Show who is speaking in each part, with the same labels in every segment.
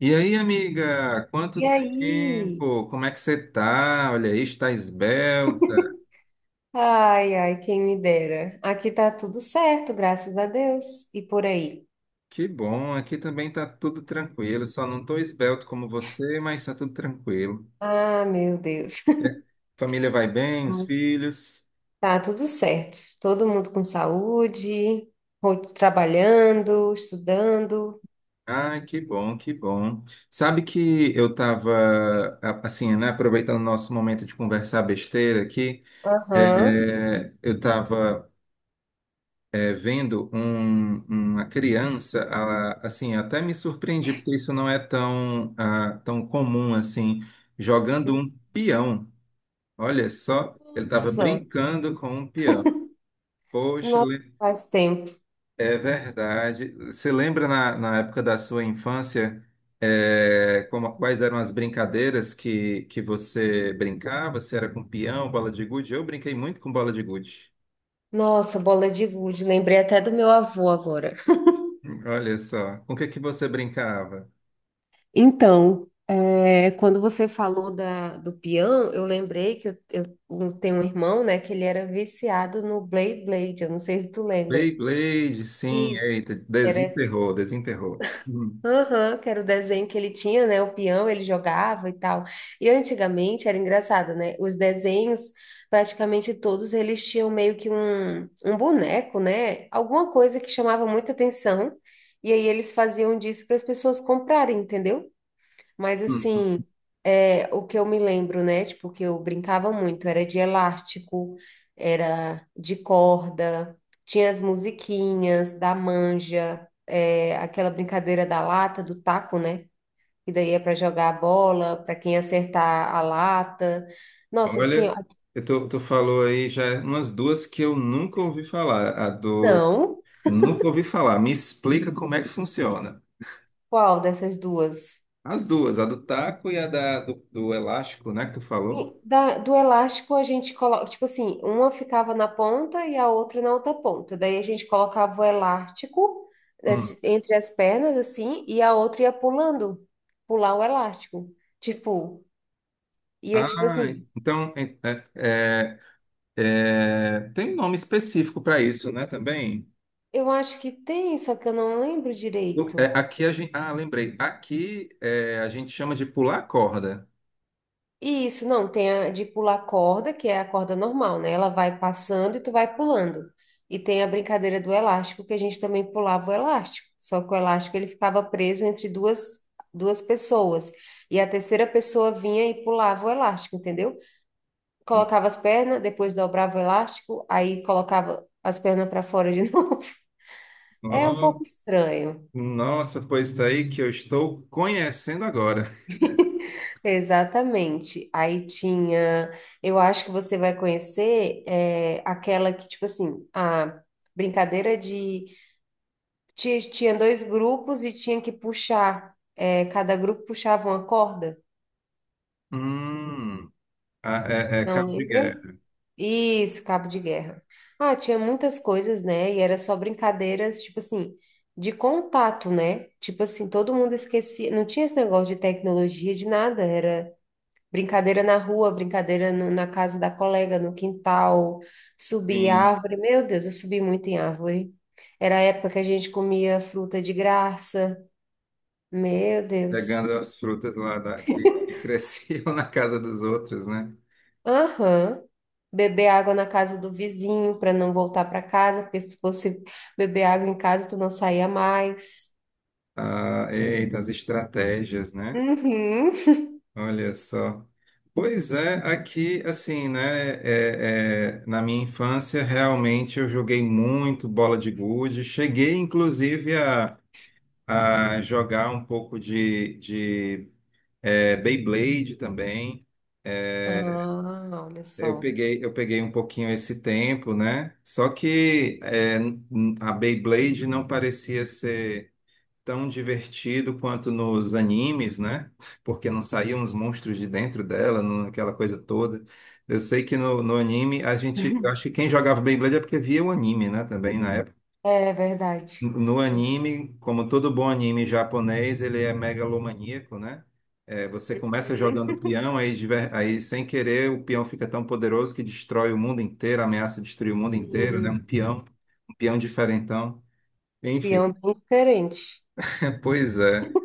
Speaker 1: E aí, amiga, quanto
Speaker 2: E aí?
Speaker 1: tempo? Como é que você tá? Olha aí, está esbelta.
Speaker 2: Ai, ai, quem me dera. Aqui tá tudo certo, graças a Deus. E por aí?
Speaker 1: Que bom, aqui também tá tudo tranquilo. Só não tô esbelto como você, mas tá tudo tranquilo.
Speaker 2: Ah, meu Deus.
Speaker 1: É. Família vai bem, os filhos.
Speaker 2: Tá tudo certo. Todo mundo com saúde, trabalhando, estudando.
Speaker 1: Ai, que bom, que bom. Sabe que eu tava, assim, né, aproveitando o nosso momento de conversar besteira aqui,
Speaker 2: Aham.
Speaker 1: é, eu estava é, vendo uma criança, assim, até me surpreendi, porque isso não é tão, ah, tão comum assim, jogando um peão. Olha só, ele estava
Speaker 2: Nossa,
Speaker 1: brincando com um peão. Poxa,
Speaker 2: nossa,
Speaker 1: le-
Speaker 2: faz tempo.
Speaker 1: É verdade. Você lembra na época da sua infância, é, quais eram as brincadeiras que você brincava? Se era com peão, bola de gude? Eu brinquei muito com bola de gude.
Speaker 2: Nossa, bola de gude. Lembrei até do meu avô agora.
Speaker 1: Olha só, com o que que você brincava?
Speaker 2: Então, é, quando você falou do peão, eu lembrei que eu tenho um irmão, né, que ele era viciado no Blade Blade, eu não sei se tu lembra.
Speaker 1: Beyblade, sim,
Speaker 2: Isso.
Speaker 1: eita,
Speaker 2: Era,
Speaker 1: desenterrou, desenterrou.
Speaker 2: aham, que era o desenho que ele tinha, né, o peão, ele jogava e tal. E antigamente era engraçado, né, os desenhos, praticamente todos eles tinham meio que um boneco, né, alguma coisa que chamava muita atenção, e aí eles faziam disso para as pessoas comprarem, entendeu? Mas
Speaker 1: Hum.
Speaker 2: assim, é, o que eu me lembro, né? Tipo, que eu brincava muito, era de elástico, era de corda, tinha as musiquinhas da manja, é, aquela brincadeira da lata, do taco, né? Que daí é para jogar a bola, para quem acertar a lata. Nossa, assim,
Speaker 1: Olha,
Speaker 2: ó,
Speaker 1: tu falou aí já umas duas que eu nunca ouvi falar. A do.
Speaker 2: não,
Speaker 1: Nunca ouvi falar. Me explica como é que funciona.
Speaker 2: qual dessas duas?
Speaker 1: As duas, a do taco e a do elástico, né, que tu falou?
Speaker 2: E do elástico a gente coloca, tipo assim, uma ficava na ponta e a outra na outra ponta. Daí a gente colocava o elástico
Speaker 1: Hum.
Speaker 2: entre as pernas, assim, e a outra ia pulando, pular o elástico. Tipo, ia
Speaker 1: Ah,
Speaker 2: tipo assim,
Speaker 1: então é- tem um nome específico para isso, né, também?
Speaker 2: eu acho que tem, só que eu não lembro
Speaker 1: É,
Speaker 2: direito.
Speaker 1: aqui a gente. Ah, lembrei. Aqui é, a gente chama de pular corda.
Speaker 2: E isso, não, tem a de pular corda, que é a corda normal, né? Ela vai passando e tu vai pulando. E tem a brincadeira do elástico, que a gente também pulava o elástico. Só que o elástico ele ficava preso entre duas, duas pessoas. E a terceira pessoa vinha e pulava o elástico, entendeu? Colocava as pernas, depois dobrava o elástico, aí colocava as pernas para fora de novo. É um pouco estranho.
Speaker 1: Nossa, pois tá aí que eu estou conhecendo agora.
Speaker 2: Exatamente. Aí tinha, eu acho que você vai conhecer é, aquela que, tipo assim, a brincadeira de. Tinha dois grupos e tinha que puxar, é, cada grupo puxava uma corda,
Speaker 1: Hum. Ah, é, é
Speaker 2: não
Speaker 1: cabo de
Speaker 2: lembra?
Speaker 1: guerra,
Speaker 2: Isso, cabo de guerra. Ah, tinha muitas coisas, né? E era só brincadeiras, tipo assim, de contato, né? Tipo assim, todo mundo esquecia, não tinha esse negócio de tecnologia, de nada, era. Brincadeira na rua, brincadeira na casa da colega, no quintal, subir
Speaker 1: sim,
Speaker 2: árvore. Meu Deus, eu subi muito em árvore. Era a época que a gente comia fruta de graça. Meu
Speaker 1: pegando
Speaker 2: Deus.
Speaker 1: as frutas lá da, que cresciam na casa dos outros, né?
Speaker 2: Aham. Beber água na casa do vizinho para não voltar para casa, porque se fosse beber água em casa, tu não saía mais.
Speaker 1: Ah, eita, as estratégias, né?
Speaker 2: Uhum.
Speaker 1: Olha só. Pois é, aqui, assim, né? É, é, na minha infância, realmente eu joguei muito bola de gude. Cheguei, inclusive, a jogar um pouco de é, Beyblade também. É,
Speaker 2: Ah, olha
Speaker 1: eu
Speaker 2: só.
Speaker 1: peguei, eu peguei um pouquinho esse tempo, né? Só que a Beyblade não parecia ser tão divertido quanto nos animes, né? Porque não saíam os monstros de dentro dela, aquela coisa toda. Eu sei que no anime a gente, eu acho que quem jogava Beyblade é porque via o anime, né? Também na
Speaker 2: É verdade.
Speaker 1: no anime, como todo bom anime japonês, ele é megalomaníaco, né? É, você começa
Speaker 2: Uhum.
Speaker 1: jogando peão, aí sem querer o peão fica tão poderoso que destrói o mundo inteiro, ameaça destruir o mundo inteiro, né?
Speaker 2: Sim,
Speaker 1: Um peão diferentão. Enfim,
Speaker 2: peão bem diferente.
Speaker 1: é, pois é.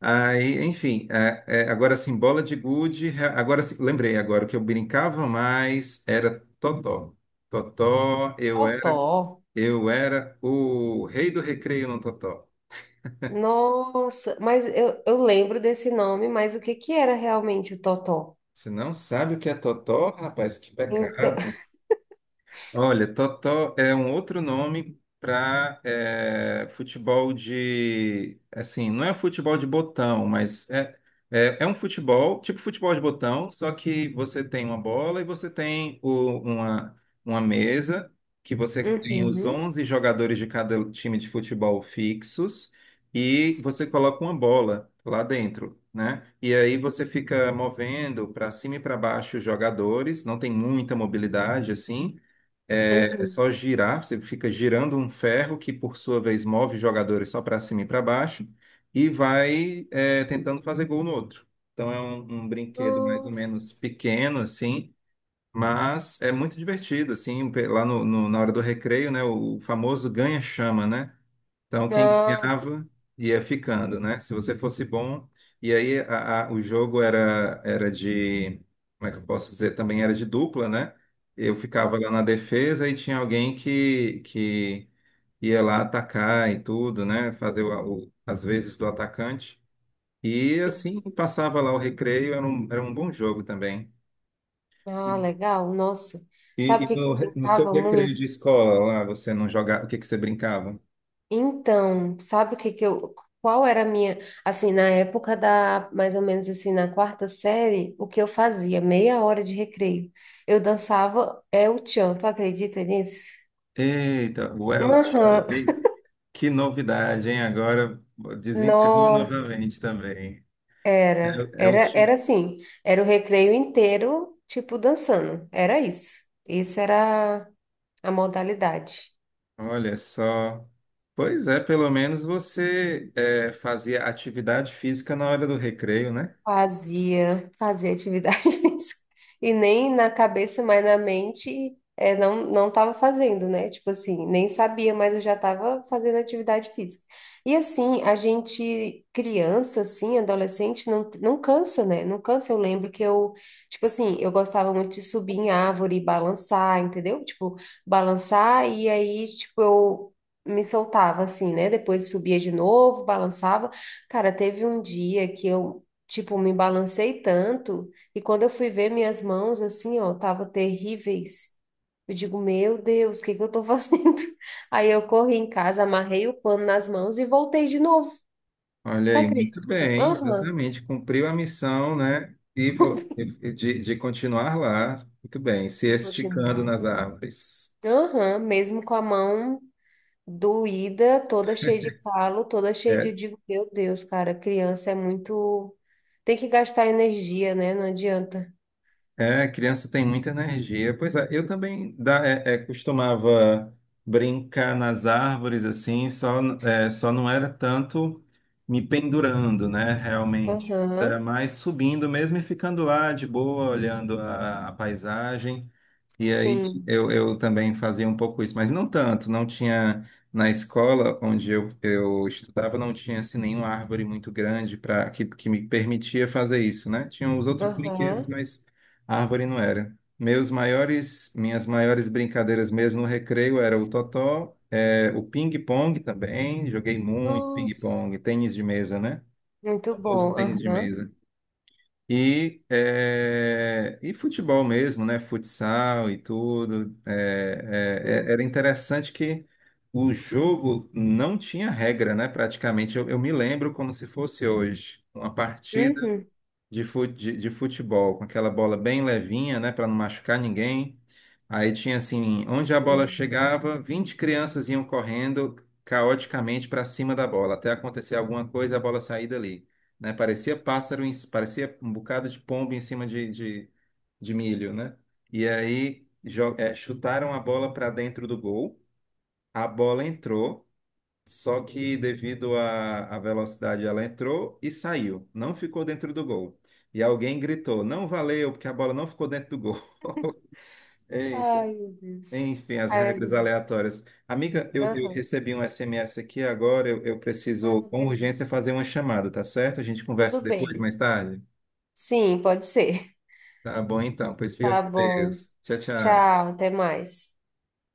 Speaker 1: Aí, enfim, agora sim, bola de gude. Agora sim, lembrei agora, o que eu brincava mais era Totó. Totó, eu
Speaker 2: Totó.
Speaker 1: era, eu era o rei do recreio no Totó.
Speaker 2: Nossa, mas eu lembro desse nome, mas o que que era realmente o Totó?
Speaker 1: Você não sabe o que é totó, rapaz? Que
Speaker 2: Então,
Speaker 1: pecado. Olha, totó é um outro nome para futebol de, assim, não é futebol de botão, mas é um futebol, tipo futebol de botão, só que você tem uma bola e você tem uma mesa, que você tem os
Speaker 2: uhum,
Speaker 1: 11 jogadores de cada time de futebol fixos e você coloca uma bola lá dentro. Né? E aí você fica movendo para cima e para baixo os jogadores, não tem muita mobilidade assim,
Speaker 2: uhum.
Speaker 1: só girar, você fica girando um ferro que, por sua vez, move os jogadores só para cima e para baixo e vai é, tentando fazer gol no outro. Então é um, um brinquedo mais ou
Speaker 2: Nossa.
Speaker 1: menos pequeno, assim, mas é muito divertido, assim, lá na hora do recreio, né, o famoso ganha-chama, né? Então, quem
Speaker 2: Ah,
Speaker 1: ganhava ia ficando, né? Se você fosse bom. E aí, o jogo era de. Como é que eu posso dizer? Também era de dupla, né? Eu ficava lá na
Speaker 2: aham,
Speaker 1: defesa e tinha alguém que ia lá atacar e tudo, né? Fazer as vezes do atacante. E
Speaker 2: sim.
Speaker 1: assim, passava lá o recreio, era um bom jogo também.
Speaker 2: Ah, legal, nossa. Sabe o
Speaker 1: E
Speaker 2: que que eu
Speaker 1: no seu
Speaker 2: brincava
Speaker 1: recreio
Speaker 2: muito?
Speaker 1: de escola lá, você não jogava, o que que você brincava?
Speaker 2: Então, sabe o que que eu, qual era a minha, assim, na época da, mais ou menos assim, na quarta série, o que eu fazia? Meia hora de recreio. Eu dançava é o tchan, tu acredita nisso?
Speaker 1: Eita, Welch,
Speaker 2: Aham.
Speaker 1: que novidade, hein? Agora desenterrou
Speaker 2: Nossa,
Speaker 1: novamente também.
Speaker 2: era,
Speaker 1: É, é o
Speaker 2: era, era
Speaker 1: ti-
Speaker 2: assim, era o recreio inteiro, tipo, dançando, era isso. Isso era a modalidade.
Speaker 1: Olha só. Pois é, pelo menos você é, fazia atividade física na hora do recreio, né?
Speaker 2: Fazia, fazia atividade física. E nem na cabeça, mas na mente, é, não, não tava fazendo, né? Tipo assim, nem sabia, mas eu já tava fazendo atividade física. E assim, a gente, criança, assim, adolescente, não, não cansa, né? Não cansa. Eu lembro que eu, tipo assim, eu gostava muito de subir em árvore e balançar, entendeu? Tipo, balançar e aí, tipo, eu me soltava, assim, né? Depois subia de novo, balançava. Cara, teve um dia que eu tipo, me balancei tanto e quando eu fui ver minhas mãos assim, ó, tava terríveis. Eu digo, meu Deus, o que que eu tô fazendo? Aí eu corri em casa, amarrei o pano nas mãos e voltei de novo.
Speaker 1: Olha
Speaker 2: Tu
Speaker 1: aí, muito
Speaker 2: acredita?
Speaker 1: bem,
Speaker 2: Aham.
Speaker 1: exatamente. Cumpriu a missão, né? De continuar lá. Muito bem, se
Speaker 2: De
Speaker 1: esticando nas
Speaker 2: continuar.
Speaker 1: árvores.
Speaker 2: Aham, mesmo com a mão doída, toda cheia de calo, toda cheia de, eu
Speaker 1: É,
Speaker 2: digo, meu Deus, cara, criança é muito tem que gastar energia, né? Não adianta.
Speaker 1: é, criança tem muita energia. Pois é, eu também da, costumava brincar nas árvores assim, só, é, só não era tanto me pendurando, né, realmente.
Speaker 2: Aham.
Speaker 1: Era mais subindo mesmo e ficando lá de boa, olhando a paisagem. E aí
Speaker 2: Sim.
Speaker 1: eu também fazia um pouco isso, mas não tanto, não tinha na escola onde eu estudava, não tinha assim nenhuma árvore muito grande para que me permitia fazer isso, né? Tinham os outros brinquedos,
Speaker 2: Aham.
Speaker 1: mas a árvore não era. Minhas maiores brincadeiras mesmo no recreio era o totó, é, o ping-pong também, joguei muito
Speaker 2: Nossa.
Speaker 1: ping-pong, tênis de mesa, né?
Speaker 2: Muito
Speaker 1: O famoso
Speaker 2: bom.
Speaker 1: tênis de
Speaker 2: Aham.
Speaker 1: mesa. E, é, e futebol mesmo, né? Futsal e tudo.
Speaker 2: Sim.
Speaker 1: Era interessante que o jogo não tinha regra, né? Praticamente, eu me lembro como se fosse hoje. Uma
Speaker 2: Uhum.
Speaker 1: de futebol, com aquela bola bem levinha, né, para não machucar ninguém. Aí tinha assim, onde a bola
Speaker 2: Sim.
Speaker 1: chegava, 20 crianças iam correndo caoticamente para cima da bola, até acontecer alguma coisa e a bola sair dali, né? Parecia pássaro, parecia um bocado de pombo em cima de milho, né? E aí é, chutaram a bola para dentro do gol, a bola entrou. Só que devido à velocidade ela entrou e saiu, não ficou dentro do gol. E alguém gritou: "Não valeu, porque a bola não ficou dentro do gol". Eita.
Speaker 2: Ai, meu Deus.
Speaker 1: Enfim, as
Speaker 2: Ai, meu
Speaker 1: regras
Speaker 2: Deus.
Speaker 1: aleatórias. Amiga, eu
Speaker 2: Aham.
Speaker 1: recebi um SMS aqui agora, eu
Speaker 2: Ah,
Speaker 1: preciso com urgência
Speaker 2: beleza.
Speaker 1: fazer uma chamada, tá certo? A gente
Speaker 2: Tudo
Speaker 1: conversa depois,
Speaker 2: bem.
Speaker 1: mais tarde.
Speaker 2: Sim, pode ser.
Speaker 1: Tá bom então, pois fica
Speaker 2: Tá
Speaker 1: com
Speaker 2: bom.
Speaker 1: Deus. Tchau, tchau.
Speaker 2: Tchau, até mais.